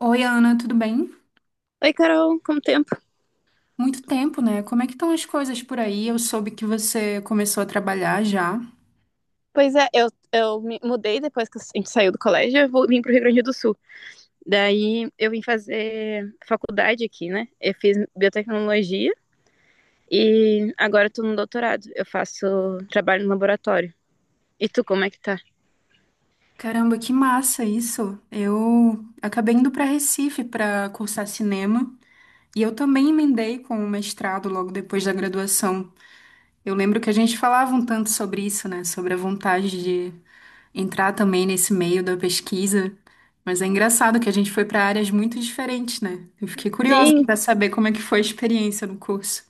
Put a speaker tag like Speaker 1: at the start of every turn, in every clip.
Speaker 1: Oi, Ana, tudo bem?
Speaker 2: Oi, Carol, como tempo?
Speaker 1: Muito tempo, né? Como é que estão as coisas por aí? Eu soube que você começou a trabalhar já.
Speaker 2: Pois é, eu me mudei depois que a gente saiu do colégio, eu vim pro Rio Grande do Sul. Daí eu vim fazer faculdade aqui, né? Eu fiz biotecnologia e agora eu tô no doutorado. Eu faço trabalho no laboratório. E tu, como é que tá?
Speaker 1: Caramba, que massa isso! Eu acabei indo para Recife para cursar cinema e eu também emendei com o mestrado logo depois da graduação. Eu lembro que a gente falava um tanto sobre isso, né? Sobre a vontade de entrar também nesse meio da pesquisa. Mas é engraçado que a gente foi para áreas muito diferentes, né? Eu fiquei curiosa
Speaker 2: Sim.
Speaker 1: para saber como é que foi a experiência no curso.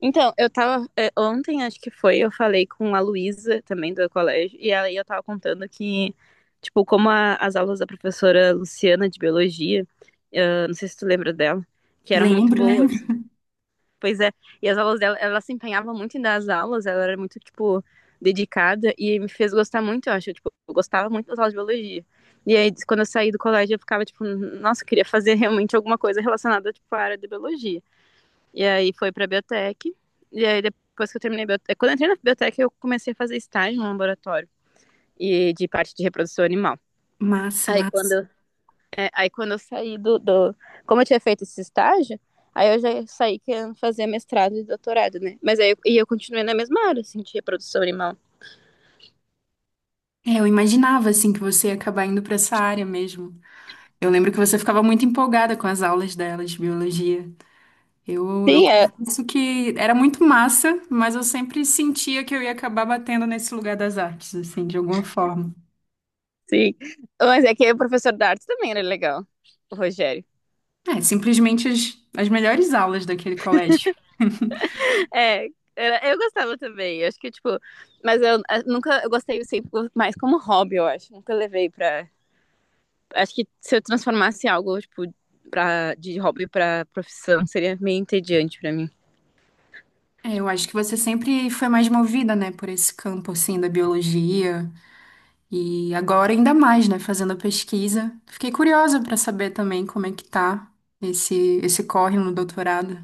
Speaker 2: Então, ontem, acho que foi, eu falei com a Luísa, também do colégio, e aí eu tava contando que, tipo, como as aulas da professora Luciana de biologia, não sei se tu lembra dela, que eram muito
Speaker 1: Lembro, lembro.
Speaker 2: boas. Pois é. E as aulas dela, ela se empenhava muito em dar as aulas, ela era muito, tipo, dedicada e me fez gostar muito, eu acho. Tipo, eu gostava muito das aulas de biologia. E aí, quando eu saí do colégio, eu ficava, tipo, nossa, eu queria fazer realmente alguma coisa relacionada, tipo, à área de biologia. E aí foi pra biotec. E aí, depois que eu terminei a biotec, quando eu entrei na biotec, eu comecei a fazer estágio no laboratório e de parte de reprodução animal.
Speaker 1: Massa,
Speaker 2: Aí, quando
Speaker 1: massa.
Speaker 2: eu aí quando eu saí do. Como eu tinha feito esse estágio, aí eu já saí querendo fazer mestrado e doutorado, né? Mas aí eu, e eu continuei na mesma área, assim, de reprodução animal.
Speaker 1: É, eu imaginava assim que você ia acabar indo para essa área mesmo. Eu lembro que você ficava muito empolgada com as aulas dela de biologia. Eu
Speaker 2: Sim, é,
Speaker 1: confesso que era muito massa, mas eu sempre sentia que eu ia acabar batendo nesse lugar das artes, assim, de alguma forma.
Speaker 2: sim. Mas é que o professor da arte também era legal, o Rogério.
Speaker 1: É, simplesmente as melhores aulas daquele colégio.
Speaker 2: É, eu gostava também, eu acho que, tipo, mas eu, nunca, eu gostei sempre mais como hobby, eu acho, nunca levei pra, acho que se eu transformasse algo, tipo, de hobby pra profissão, seria meio entediante pra mim.
Speaker 1: É, eu acho que você sempre foi mais movida, né, por esse campo, assim, da biologia. E agora ainda mais, né, fazendo a pesquisa. Fiquei curiosa para saber também como é que tá esse corre no doutorado.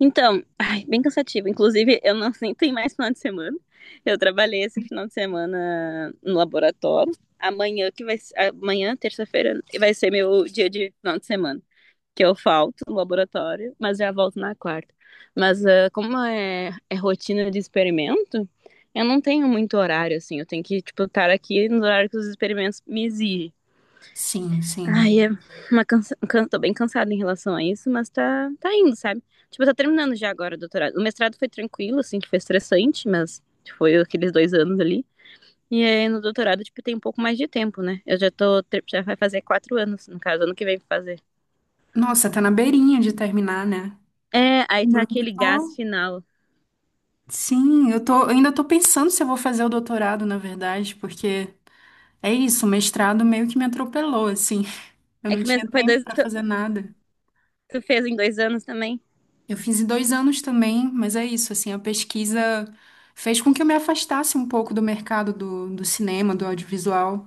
Speaker 2: Então, ai, bem cansativo. Inclusive, eu não nem tenho mais final de semana. Eu trabalhei esse final de semana no laboratório. Amanhã, terça-feira, vai ser meu dia de final de semana, que eu falto no laboratório, mas já volto na quarta. Mas como é, é rotina de experimento, eu não tenho muito horário assim. Eu tenho que tipo estar aqui no horário que os experimentos me exigem.
Speaker 1: Sim, sim.
Speaker 2: Ai. Tô bem cansada em relação a isso, mas tá indo, sabe? Tipo, tá terminando já agora o doutorado. O mestrado foi tranquilo, assim, que foi estressante, mas foi aqueles 2 anos ali. E aí no doutorado, tipo, tem um pouco mais de tempo, né? Eu já vai fazer 4 anos, no caso, ano que vem pra fazer.
Speaker 1: Nossa, tá na beirinha de terminar, né?
Speaker 2: É, aí tá
Speaker 1: Eu
Speaker 2: aquele gás
Speaker 1: tô-
Speaker 2: final.
Speaker 1: Sim, eu tô, eu ainda tô pensando se eu vou fazer o doutorado, na verdade, porque é isso, o mestrado meio que me atropelou, assim. Eu
Speaker 2: É
Speaker 1: não
Speaker 2: que
Speaker 1: tinha
Speaker 2: foi
Speaker 1: tempo
Speaker 2: dois,
Speaker 1: para
Speaker 2: tu,
Speaker 1: fazer nada.
Speaker 2: tu fez em 2 anos também?
Speaker 1: Eu fiz em 2 anos também, mas é isso, assim, a pesquisa fez com que eu me afastasse um pouco do mercado do cinema, do audiovisual.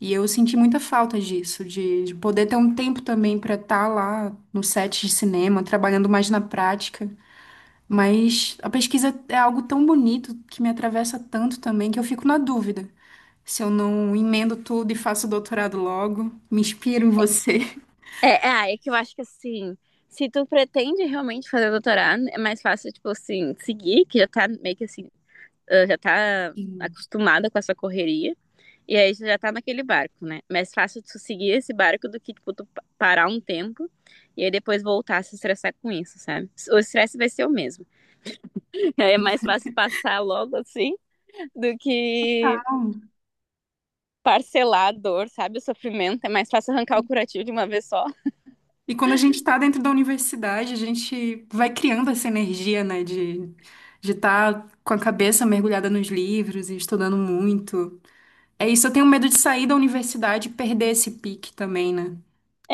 Speaker 1: E eu senti muita falta disso, de poder ter um tempo também para estar lá no set de cinema, trabalhando mais na prática. Mas a pesquisa é algo tão bonito que me atravessa tanto também que eu fico na dúvida se eu não emendo tudo e faço doutorado logo, me inspiro em você.
Speaker 2: É que eu acho que assim, se tu pretende realmente fazer doutorado, é mais fácil, tipo assim, seguir, que já tá meio que assim, já tá
Speaker 1: Sim.
Speaker 2: acostumada com essa correria. E aí você já tá naquele barco, né? É mais fácil tu seguir esse barco do que, tipo, tu parar um tempo e aí depois voltar a se estressar com isso, sabe? O estresse vai ser o mesmo. É mais fácil passar logo assim do que
Speaker 1: Então,
Speaker 2: parcelar a dor, sabe? O sofrimento. É mais fácil arrancar o curativo de uma vez só.
Speaker 1: E quando a gente está dentro da universidade, a gente vai criando essa energia, né, de estar com a cabeça mergulhada nos livros e estudando muito. É isso, eu tenho medo de sair da universidade e perder esse pique também, né?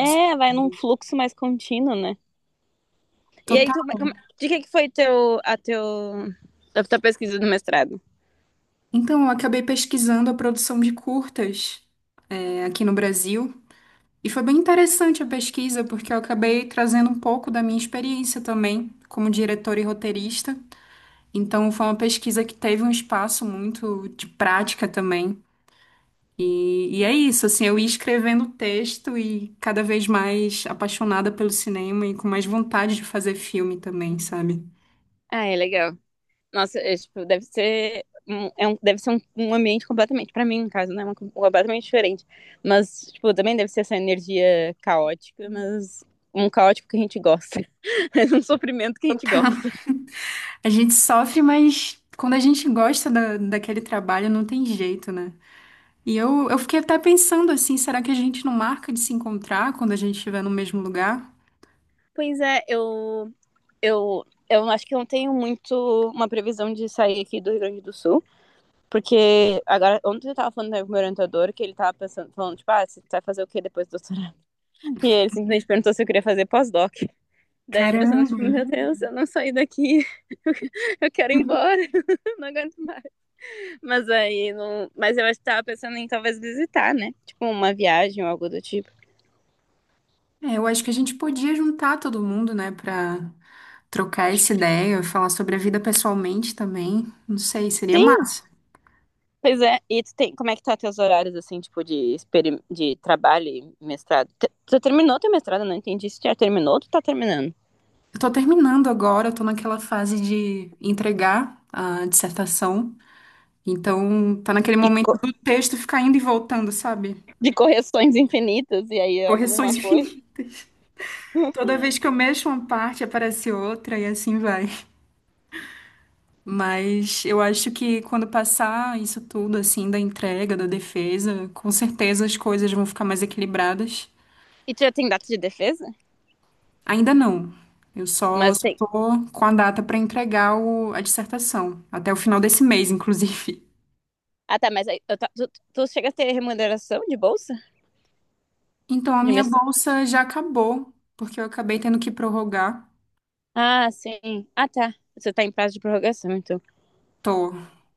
Speaker 1: Esse-
Speaker 2: vai num fluxo mais contínuo, né? E aí,
Speaker 1: Total.
Speaker 2: de que foi a tua pesquisa do mestrado?
Speaker 1: Então, eu acabei pesquisando a produção de curtas, é, aqui no Brasil. E foi bem interessante a pesquisa, porque eu acabei trazendo um pouco da minha experiência também, como diretora e roteirista. Então, foi uma pesquisa que teve um espaço muito de prática também. E é isso, assim, eu ia escrevendo o texto e cada vez mais apaixonada pelo cinema e com mais vontade de fazer filme também, sabe?
Speaker 2: Ah, é legal. Nossa, é, tipo, deve ser. É um, deve ser um ambiente completamente, pra mim, no caso, né? Completamente diferente. Mas, tipo, também deve ser essa energia caótica, mas um caótico que a gente gosta. É um sofrimento que a gente gosta.
Speaker 1: A gente sofre, mas quando a gente gosta da, daquele trabalho, não tem jeito, né? E eu fiquei até pensando assim, será que a gente não marca de se encontrar quando a gente estiver no mesmo lugar?
Speaker 2: Pois é, eu, eu acho que eu não tenho muito uma previsão de sair aqui do Rio Grande do Sul. Porque agora, ontem eu tava falando né, com o meu orientador que ele tava pensando, falando, tipo, você vai fazer o quê depois do doutorado? E ele simplesmente perguntou se eu queria fazer pós-doc. Daí a pessoa, tipo,
Speaker 1: Caramba!
Speaker 2: meu Deus, eu não saí daqui, eu quero ir embora, não aguento mais. Mas aí, não... mas eu acho que tava pensando em talvez visitar, né? Tipo, uma viagem ou algo do tipo.
Speaker 1: É, eu acho que a gente podia juntar todo mundo, né, pra trocar essa ideia, falar sobre a vida pessoalmente também. Não sei, seria
Speaker 2: Sim,
Speaker 1: massa.
Speaker 2: pois é. E tu tem, como é que tá teus horários, assim, tipo, de trabalho e mestrado? Tu terminou teu mestrado, não entendi se tu já terminou ou tu tá terminando.
Speaker 1: Eu tô terminando agora, eu tô naquela fase de entregar a dissertação. Então, tá naquele
Speaker 2: E
Speaker 1: momento
Speaker 2: co-
Speaker 1: do texto ficar indo e voltando, sabe?
Speaker 2: de correções infinitas, e aí eu arrumo uma
Speaker 1: Correções
Speaker 2: coisa.
Speaker 1: infinitas. Toda vez que eu mexo uma parte, aparece outra e assim vai. Mas eu acho que quando passar isso tudo, assim, da entrega, da defesa, com certeza as coisas vão ficar mais equilibradas.
Speaker 2: E tu já tem data de defesa?
Speaker 1: Ainda não. Eu só
Speaker 2: Mas
Speaker 1: só
Speaker 2: tem.
Speaker 1: tô com a data para entregar o- a dissertação, até o final desse mês, inclusive.
Speaker 2: Ah, tá, mas aí, tu chega a ter remuneração de bolsa?
Speaker 1: Então, a
Speaker 2: De
Speaker 1: minha
Speaker 2: mes-
Speaker 1: bolsa já acabou, porque eu acabei tendo que prorrogar.
Speaker 2: Ah, sim. Ah, tá. Você tá em prazo de prorrogação, então.
Speaker 1: Tô.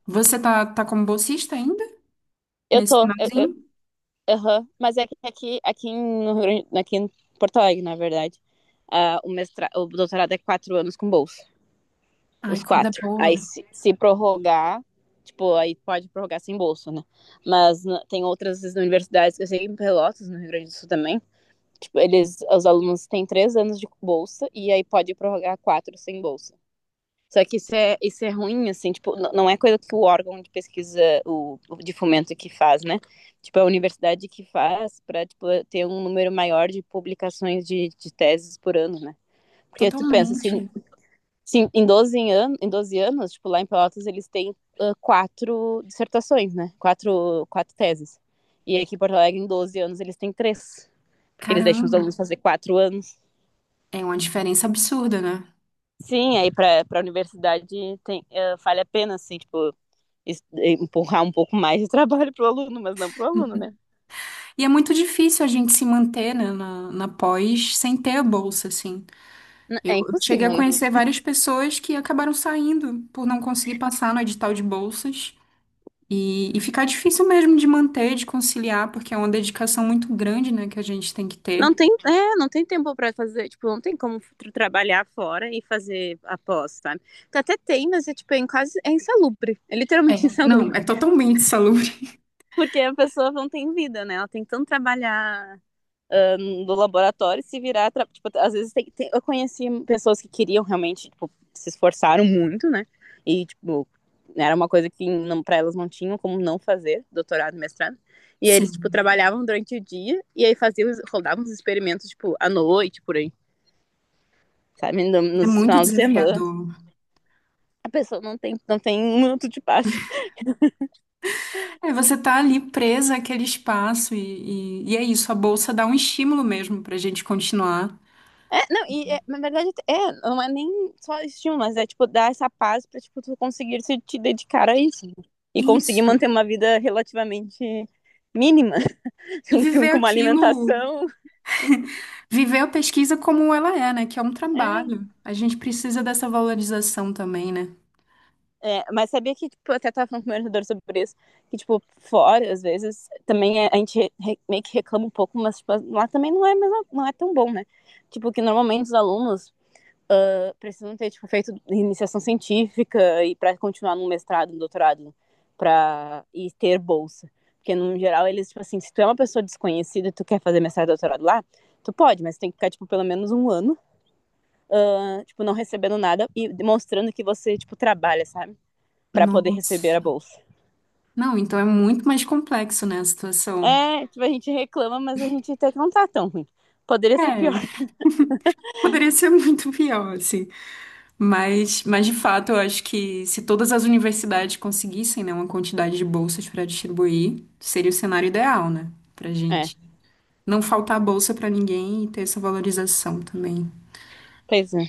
Speaker 1: Você tá, tá como bolsista ainda?
Speaker 2: Eu
Speaker 1: Nesse
Speaker 2: tô.
Speaker 1: finalzinho?
Speaker 2: Aham. Mas é que aqui, aqui, no Rio Grande- aqui em Porto Alegre, na verdade, o doutorado é 4 anos com bolsa.
Speaker 1: Ai,
Speaker 2: Os
Speaker 1: coisa
Speaker 2: quatro. Aí
Speaker 1: boa.
Speaker 2: se prorrogar, tipo, aí pode prorrogar sem bolsa, né? Tem outras universidades que eu sei em Pelotas, no Rio Grande do Sul também. Tipo, eles, os alunos têm 3 anos de bolsa e aí pode prorrogar quatro sem bolsa. Só que isso é ruim, assim, tipo, não é coisa que o órgão de pesquisa, de fomento que faz, né? Tipo, é a universidade que faz para tipo, ter um número maior de publicações de teses por ano, né? Porque tu pensa, se,
Speaker 1: Totalmente.
Speaker 2: se em, 12 anos, tipo, lá em Pelotas eles têm quatro dissertações, né? Quatro teses. E aqui em Porto Alegre, em 12 anos, eles têm três. Porque eles deixam os alunos
Speaker 1: Caramba.
Speaker 2: fazer 4 anos.
Speaker 1: É uma diferença absurda, né?
Speaker 2: Sim, aí para a universidade tem, vale a pena, assim, tipo, empurrar um pouco mais de trabalho pro aluno, mas não pro aluno, né?
Speaker 1: E é muito difícil a gente se manter, né, na, na pós sem ter a bolsa, assim.
Speaker 2: É
Speaker 1: Eu cheguei a
Speaker 2: impossível, né?
Speaker 1: conhecer várias pessoas que acabaram saindo por não conseguir passar no edital de bolsas. E ficar difícil mesmo de manter, de conciliar, porque é uma dedicação muito grande, né, que a gente tem que
Speaker 2: Não
Speaker 1: ter.
Speaker 2: tem, não tem tempo para fazer, tipo, não tem como trabalhar fora e fazer após, sabe? Então, até tem, mas é tipo, é quase insalubre, é
Speaker 1: É,
Speaker 2: literalmente
Speaker 1: não,
Speaker 2: insalubre,
Speaker 1: é totalmente insalubre.
Speaker 2: porque a pessoa não tem vida, né? Ela tem que tanto trabalhar do laboratório se virar. Tipo, às vezes tem, eu conheci pessoas que queriam realmente, tipo, se esforçaram muito, né? E, tipo, era uma coisa que não, pra elas não tinham como não fazer, doutorado, mestrado. E aí eles, tipo,
Speaker 1: Sim,
Speaker 2: trabalhavam durante o dia e aí faziam, rodavam os experimentos, tipo, à noite, por aí, sabe?
Speaker 1: é
Speaker 2: Nos
Speaker 1: muito
Speaker 2: finais de semana.
Speaker 1: desafiador.
Speaker 2: A pessoa não tem, não tem um minuto de paz.
Speaker 1: É, você tá ali presa àquele espaço e é isso, a bolsa dá um estímulo mesmo pra gente continuar.
Speaker 2: É, não, e é, na verdade, é, não é nem só estímulo, mas é tipo dar essa paz pra tipo, tu conseguir se te dedicar a isso. né? E conseguir
Speaker 1: Isso.
Speaker 2: manter uma vida relativamente mínima,
Speaker 1: E
Speaker 2: com, com-
Speaker 1: viver
Speaker 2: com uma
Speaker 1: aquilo,
Speaker 2: alimentação.
Speaker 1: viver a pesquisa como ela é, né? Que é um trabalho. A gente precisa dessa valorização também, né?
Speaker 2: É, mas sabia que, tipo, eu até tava falando com o meu orientador sobre isso, que, tipo, fora, às vezes, também a gente meio que reclama um pouco, mas, tipo, lá também não é, mesmo, não é tão bom, né? Tipo, que normalmente os alunos, precisam ter tipo, feito iniciação científica e para continuar num mestrado, num doutorado, para e ter bolsa. Porque, no geral, eles, tipo assim, se tu é uma pessoa desconhecida e tu quer fazer mestrado doutorado lá, tu pode, mas tem que ficar, tipo, pelo menos um ano, tipo, não recebendo nada e demonstrando que você, tipo, trabalha, sabe? Para poder receber a
Speaker 1: Nossa.
Speaker 2: bolsa.
Speaker 1: Não, então é muito mais complexo, né, a situação.
Speaker 2: É, tipo, a gente reclama, mas a gente até que não tá tão ruim. Poderia ser pior.
Speaker 1: É, poderia ser muito pior, assim. Mas de fato, eu acho que se todas as universidades conseguissem, né, uma quantidade de bolsas para distribuir, seria o cenário ideal, né, pra
Speaker 2: É,
Speaker 1: gente. Não faltar bolsa para ninguém e ter essa valorização também.
Speaker 2: pois é.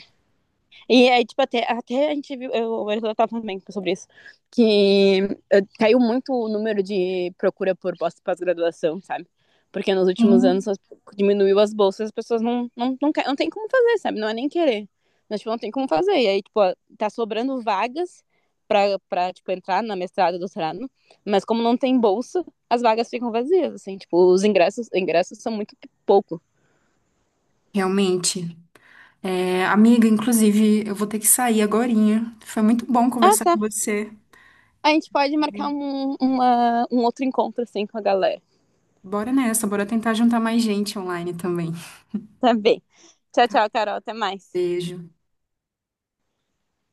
Speaker 2: E aí, tipo, até a gente viu, eu tava também sobre isso, que caiu muito o número de procura por bolsa de pós-graduação, sabe? Porque nos últimos
Speaker 1: Sim.
Speaker 2: anos diminuiu as bolsas, as pessoas não, não, não, não tem como fazer, sabe? Não é nem querer. Mas, tipo, não tem como fazer. E aí, tipo, ó, tá sobrando vagas pra, tipo, entrar na mestrado, doutorado, mas como não tem bolsa, as vagas ficam vazias, assim, tipo, os ingressos são muito pouco.
Speaker 1: Realmente. É, amiga, inclusive, eu vou ter que sair agorinha. Foi muito bom
Speaker 2: Ah,
Speaker 1: conversar
Speaker 2: tá.
Speaker 1: com você.
Speaker 2: A gente pode marcar um outro encontro, assim, com a galera.
Speaker 1: Bora nessa, bora tentar juntar mais gente online também.
Speaker 2: Tá bem. Tchau, tchau, Carol. Até mais.
Speaker 1: Beijo.